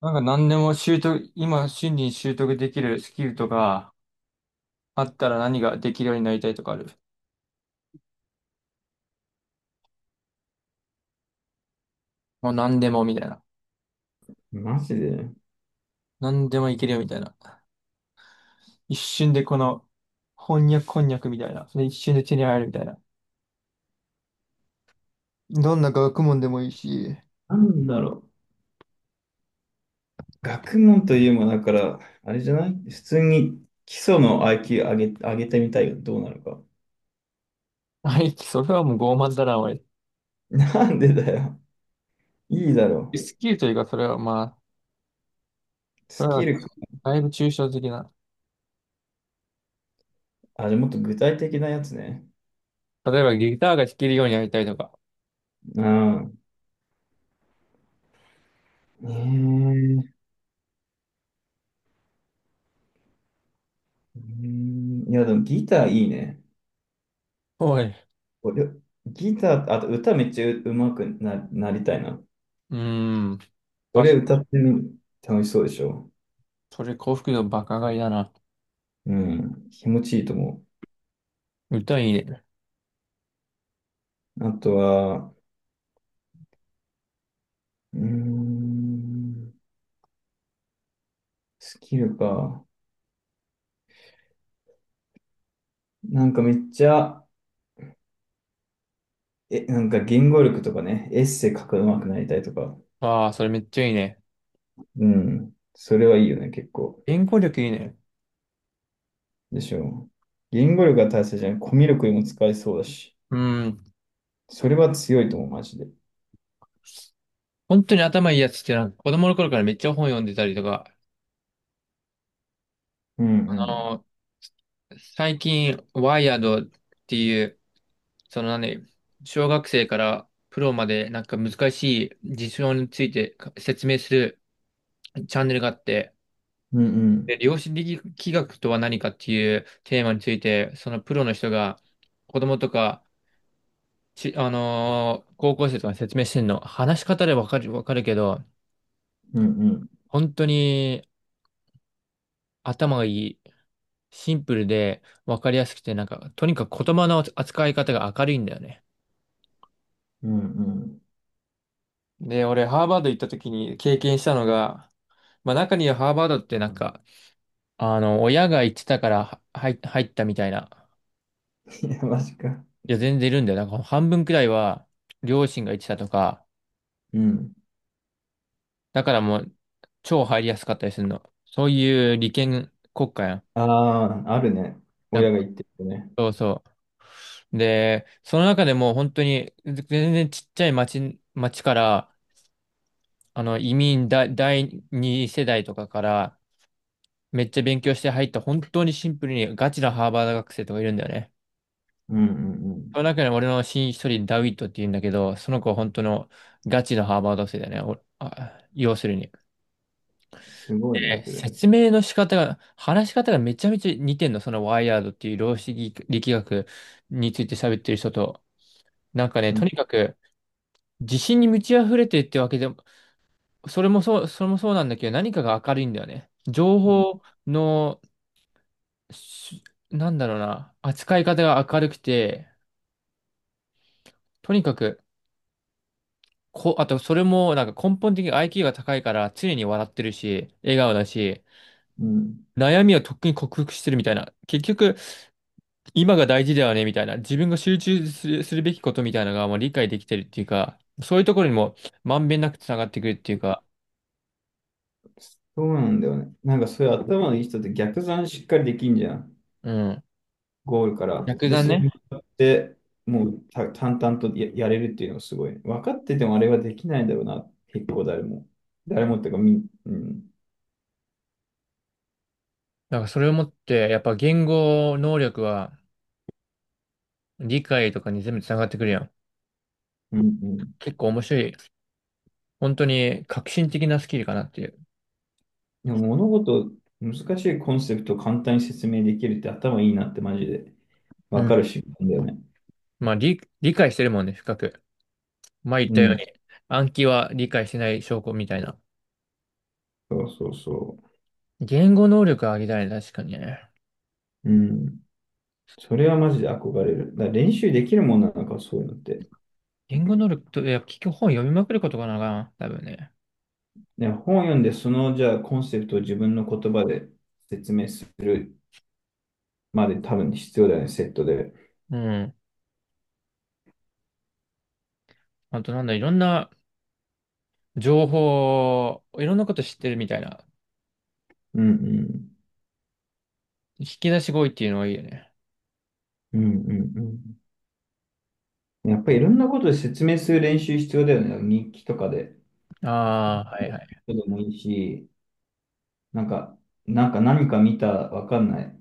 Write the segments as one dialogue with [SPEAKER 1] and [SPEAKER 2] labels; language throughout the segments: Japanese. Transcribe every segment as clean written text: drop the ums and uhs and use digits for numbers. [SPEAKER 1] なんか何でも習得、今瞬時に習得できるスキルとかあったら何ができるようになりたいとかある。もう何でもみたいな。
[SPEAKER 2] マジで。
[SPEAKER 1] 何でもいけるよみたいな。一瞬でこの翻訳こんにゃくみたいな。それ一瞬で手に入るみたいな。どんな学問でもいいし。
[SPEAKER 2] なんだろう。学問というもだから、あれじゃない普通に基礎の IQ 上げてみたいがどうなるか。
[SPEAKER 1] はい、それはもう傲慢だな、おい。
[SPEAKER 2] なんでだよ。いいだろ
[SPEAKER 1] スキルというか、それはまあ、
[SPEAKER 2] う。
[SPEAKER 1] そ
[SPEAKER 2] ス
[SPEAKER 1] れは
[SPEAKER 2] キルか、
[SPEAKER 1] だいぶ抽象的な。
[SPEAKER 2] あれもっと具体的なやつね。
[SPEAKER 1] 例えばギターが弾けるようになりたいとか。
[SPEAKER 2] うん。えー、うーん。いや、でもギターいいね。
[SPEAKER 1] おい。う
[SPEAKER 2] 俺、ギター、あと歌めっちゃう、うまくなりたいな。
[SPEAKER 1] ーん。
[SPEAKER 2] そ
[SPEAKER 1] あ、
[SPEAKER 2] れ歌ってみる。楽しそうでしょ。
[SPEAKER 1] それ幸福度バカ買いだな。
[SPEAKER 2] うん。気持ちいいと思
[SPEAKER 1] 歌いいね。
[SPEAKER 2] う。あとは、うーん。スキルか。なんかめっちゃ、なんか言語力とかね、エッセイ書くの上手くなりたいとか。
[SPEAKER 1] ああ、それめっちゃいいね。
[SPEAKER 2] うん。それはいいよね、結構。
[SPEAKER 1] 言語力いいね。
[SPEAKER 2] でしょう。言語力が大切じゃない。コミュ力にも使えそうだし。
[SPEAKER 1] うん。
[SPEAKER 2] それは強いと思う、マジで。
[SPEAKER 1] 本当に頭いいやつってなんか子供の頃からめっちゃ本読んでたりとか、
[SPEAKER 2] うんう
[SPEAKER 1] あ
[SPEAKER 2] ん。
[SPEAKER 1] のー最近、ワイヤードっていう、その何、小学生からプロまでなんか難しい事象について説明するチャンネルがあって、
[SPEAKER 2] うんう
[SPEAKER 1] で、
[SPEAKER 2] ん。
[SPEAKER 1] 量子力学とは何かっていうテーマについて、そのプロの人が子供とか、ち、あのー高校生とかに説明してんの、話し方でわかるけど、
[SPEAKER 2] うんうん。
[SPEAKER 1] 本当に頭がいい。シンプルで分かりやすくて、なんか、とにかく言葉の扱い方が明るいんだよね。
[SPEAKER 2] うんうん。
[SPEAKER 1] で、俺、ハーバード行った時に経験したのが、まあ中にはハーバードってなんか、あの、親が行ってたからは入ったみたいな、
[SPEAKER 2] いや、マジか。
[SPEAKER 1] いや、全然いるんだよ。なんか半分くらいは両親が行ってたとか、
[SPEAKER 2] うん。
[SPEAKER 1] だからもう、超入りやすかったりするの。そういう利権国家やん。
[SPEAKER 2] ああ、あるね。
[SPEAKER 1] やっ
[SPEAKER 2] 親
[SPEAKER 1] ぱ
[SPEAKER 2] が言ってるね。
[SPEAKER 1] そうそう。で、その中でも本当に全然ちっちゃい町から、あの、移民だ、第二世代とかからめっちゃ勉強して入った本当にシンプルにガチなハーバード学生とかいるんだよね。
[SPEAKER 2] うんうんう
[SPEAKER 1] そ
[SPEAKER 2] ん。
[SPEAKER 1] の中に俺の親一人ダウィットって言うんだけど、その子は本当のガチのハーバード生だよね。おあ、要するに。
[SPEAKER 2] すごいな、
[SPEAKER 1] で
[SPEAKER 2] それ。
[SPEAKER 1] 説明の仕方が、話し方がめちゃめちゃ似てんの。そのワイヤードっていう量子力学について喋ってる人と。なんかね、
[SPEAKER 2] うん
[SPEAKER 1] とにかく自信に満ち溢れてるってわけでも、それもそうなんだけど、何かが明るいんだよね。情
[SPEAKER 2] うん。
[SPEAKER 1] 報のしなんだろうな、扱い方が明るくて、とにかく、あとそれもなんか根本的に IQ が高いから常に笑ってるし、笑顔だし、
[SPEAKER 2] うん。
[SPEAKER 1] 悩みをとっくに克服してるみたいな。結局、今が大事だよねみたいな。自分が集中する、するべきことみたいなのがもう理解できてるっていうか、そういうところにもまんべんなくつながってくるっていうか、
[SPEAKER 2] そうなんだよね。なんかそういう頭のいい人って逆算しっかりできんじゃん。
[SPEAKER 1] うん。
[SPEAKER 2] ゴールから。
[SPEAKER 1] 逆
[SPEAKER 2] で、
[SPEAKER 1] だ
[SPEAKER 2] それ
[SPEAKER 1] ね。
[SPEAKER 2] でもうた淡々とやれるっていうのがすごいね。分かっててもあれはできないだろうな。結構誰も。誰もっていうか、うん。
[SPEAKER 1] だからそれをもって、やっぱ言語能力は理解とかに全部つながってくるやん。
[SPEAKER 2] うんうん。
[SPEAKER 1] 結構面白い本当に革新的なスキルかなっていう。
[SPEAKER 2] でも物事、難しいコンセプトを簡単に説明できるって頭いいなってマジで
[SPEAKER 1] う
[SPEAKER 2] 分
[SPEAKER 1] ん。
[SPEAKER 2] かる瞬間だよね。
[SPEAKER 1] まあ、理解してるもんね、深く。前言っ
[SPEAKER 2] う
[SPEAKER 1] たよう
[SPEAKER 2] ん。
[SPEAKER 1] に、暗記は理解してない証拠みたいな。
[SPEAKER 2] そうそうそ
[SPEAKER 1] 言語能力上げたいね、確かにね。
[SPEAKER 2] う。うん。それはマジで憧れる。だから練習できるもんなのか、そういうのって。
[SPEAKER 1] 言語能力と、いや、結局本読みまくることかな、多分ね。
[SPEAKER 2] ね、本を読んで、その、じゃあ、コンセプトを自分の言葉で説明するまで多分必要だよね、セットで。
[SPEAKER 1] うん。あとなんだ、いろんな情報、いろんなこと知ってるみたいな。
[SPEAKER 2] うんうん。
[SPEAKER 1] 引き出し語彙っていうのがいいよね。
[SPEAKER 2] うんうんうん。やっぱりいろんなことで説明する練習必要だよね。日記とかで。
[SPEAKER 1] ああ、はいはい。
[SPEAKER 2] でもいいし、なんか、なんか何か見た、わかんない。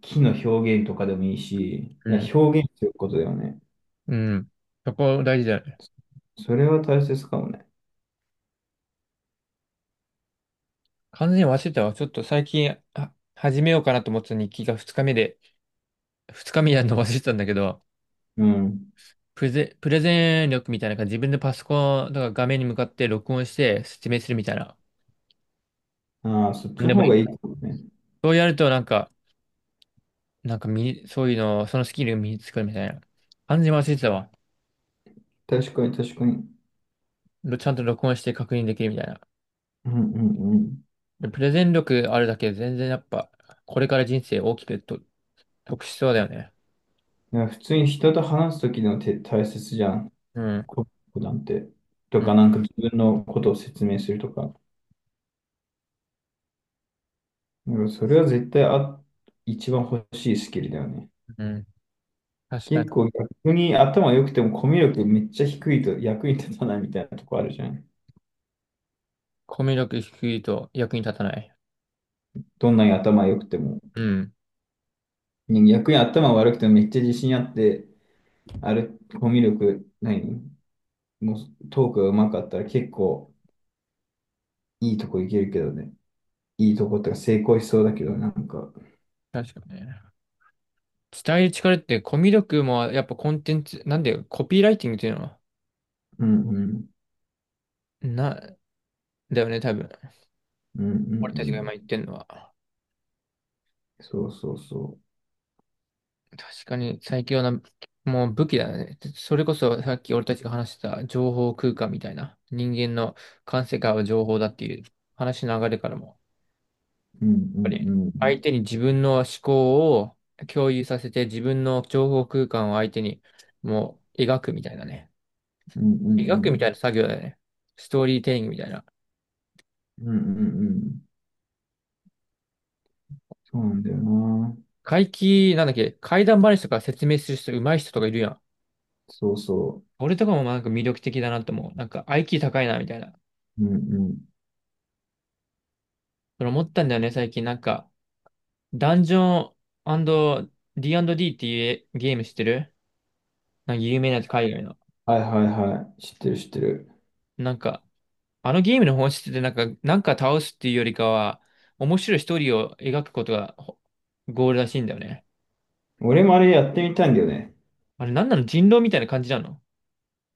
[SPEAKER 2] 木の表現とかでもいいし、
[SPEAKER 1] う
[SPEAKER 2] いや
[SPEAKER 1] ん。
[SPEAKER 2] 表現することだよね。
[SPEAKER 1] うん。そこ大事だよね。
[SPEAKER 2] それは大切かもね。
[SPEAKER 1] 完全に忘れてたわ。ちょっと最近、あ、始めようかなと思ってた日記が2日目で、二日目やるの忘れてたんだけど、
[SPEAKER 2] うん。
[SPEAKER 1] プレゼン力みたいな感じ、自分でパソコンとか画面に向かって録音して説明するみたいな。
[SPEAKER 2] ああ、そっ
[SPEAKER 1] な
[SPEAKER 2] ち
[SPEAKER 1] ん
[SPEAKER 2] の
[SPEAKER 1] でも
[SPEAKER 2] 方
[SPEAKER 1] い
[SPEAKER 2] が
[SPEAKER 1] い
[SPEAKER 2] いい
[SPEAKER 1] から。
[SPEAKER 2] かもね。
[SPEAKER 1] そうやるとなんか、なんか身そういうの、そのスキルを身につくみたいな。完全に忘れてたわ。
[SPEAKER 2] 確かに、確かに。
[SPEAKER 1] ちゃんと録音して確認できるみたいな。
[SPEAKER 2] うんうんうん。
[SPEAKER 1] でプレゼン力あるだけで全然やっぱ、これから人生大きくと得しそうだよね。
[SPEAKER 2] いや普通に人と話すときのて大切じゃん。
[SPEAKER 1] うん。
[SPEAKER 2] こなんて。と
[SPEAKER 1] う
[SPEAKER 2] か、
[SPEAKER 1] ん。
[SPEAKER 2] なんか自分のことを説明するとか。なんかそれは絶対一番欲しいスキルだよね。
[SPEAKER 1] うん。確か
[SPEAKER 2] 結
[SPEAKER 1] に。
[SPEAKER 2] 構逆に頭良くてもコミュ力めっちゃ低いと役に立たないみたいなとこあるじゃん。
[SPEAKER 1] コミュ力低いと役に立たない。
[SPEAKER 2] どんなに頭良くても。
[SPEAKER 1] うん。
[SPEAKER 2] ね。逆に頭悪くてもめっちゃ自信あって、あれ、コミュ力ないのもうトークが上手かったら結構いいとこいけるけどね。いいとこってか成功しそうだけど、なんか。
[SPEAKER 1] 確かにね。伝える力ってコミュ力もやっぱコンテンツ、なんでコピーライティングっていうのは、
[SPEAKER 2] うんうん
[SPEAKER 1] な、だよね、多分。
[SPEAKER 2] うんうん
[SPEAKER 1] 俺た
[SPEAKER 2] う
[SPEAKER 1] ちが
[SPEAKER 2] ん。
[SPEAKER 1] 今言ってるのは。
[SPEAKER 2] そうそうそ
[SPEAKER 1] 確かに最強な、もう武器だね。それこそさっき俺たちが話してた情報空間みたいな。人間の感性からは情報だっていう話の流れからも。やっ
[SPEAKER 2] う。うんう
[SPEAKER 1] ぱり
[SPEAKER 2] んうん。
[SPEAKER 1] 相手に自分の思考を共有させて自分の情報空間を相手にもう描くみたいなね。
[SPEAKER 2] うんう
[SPEAKER 1] 描くみた
[SPEAKER 2] ん
[SPEAKER 1] いな作業だよね。ストーリーテリングみたいな。
[SPEAKER 2] うん。うんうんうん。そうなんだよな。
[SPEAKER 1] 怪奇、なんだっけ、怪談話とか説明する人、上手い人とかいるやん。
[SPEAKER 2] そうそ
[SPEAKER 1] 俺とかもなんか魅力的だなと思う。なんか IQ 高いな、みたいな。
[SPEAKER 2] う。うんうん。
[SPEAKER 1] それ思ったんだよね、最近。なんか、ダンジョン D&D っていうゲーム知ってるなんか有名なやつ、海外の。
[SPEAKER 2] はいはいはい。知ってる知ってる。
[SPEAKER 1] なんか、あのゲームの本質ってなんか、なんか倒すっていうよりかは、面白いストーリーを描くことがゴールらしいんだよね。
[SPEAKER 2] 俺もあれやってみたいんだよね。
[SPEAKER 1] あれ、なんなの人狼みたいな感じなの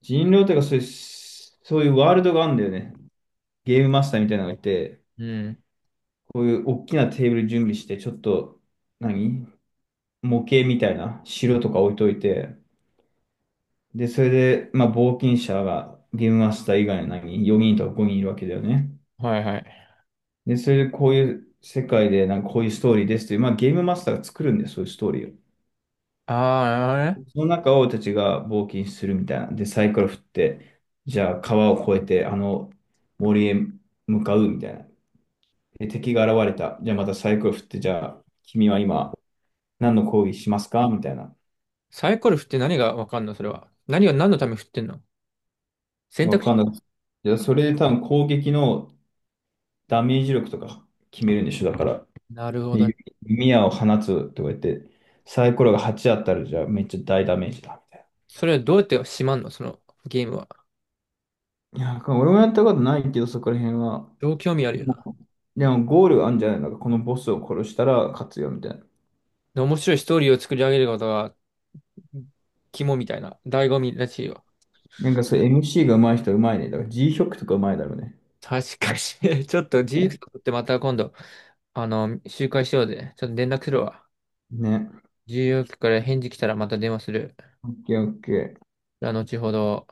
[SPEAKER 2] 人狼とかそういうワールドがあるんだよね。ゲームマスターみたいなのがいて、
[SPEAKER 1] うん。
[SPEAKER 2] こういう大きなテーブル準備して、ちょっと、何模型みたいな城とか置いといて、で、それで、まあ、冒険者がゲームマスター以外の何 ?4 人とか5人いるわけだよね。
[SPEAKER 1] はいはい。
[SPEAKER 2] で、それでこういう世界で、なんかこういうストーリーですという、まあゲームマスターが作るんで、そういうストーリーを。
[SPEAKER 1] ああ、なるほどね
[SPEAKER 2] その中を俺たちが冒険するみたいな。で、サイコロ振って、じゃあ川を越えて、あの森へ向かうみたいな。で、敵が現れた。じゃあまたサイコロ振って、じゃあ君は今何の攻撃しますかみたいな。
[SPEAKER 1] サイコロ振って何がわかんのそれは。何を何のために振ってんの選
[SPEAKER 2] わ
[SPEAKER 1] 択
[SPEAKER 2] かんな
[SPEAKER 1] 肢。
[SPEAKER 2] い。じゃあそれで多分攻撃のダメージ力とか決めるんでしょ、だから。
[SPEAKER 1] なるほど。
[SPEAKER 2] で、弓矢を放つとか言って、サイコロが8あったら、じゃあめっちゃ大ダメージだ。
[SPEAKER 1] それはどうやってしまんのそのゲームは。
[SPEAKER 2] いや、俺もやったことないけど、そこら辺は。
[SPEAKER 1] 超興味あるよな。
[SPEAKER 2] でも、ゴールあんじゃないのか、このボスを殺したら勝つよ、みたいな。
[SPEAKER 1] で面白いストーリーを作り上げることが肝みたいな、醍醐味らしいよ。
[SPEAKER 2] なんかそう、MC が上手い人は上手いね。だから G ショックとか上手いだろうね。
[SPEAKER 1] 確かに。ちょっと自由曲ってまた今度、あの、集会しようぜ。ちょっと連絡するわ。
[SPEAKER 2] ね。
[SPEAKER 1] 自由曲から返事来たらまた電話する。
[SPEAKER 2] オッケーオッケー。
[SPEAKER 1] じゃあ、後ほど。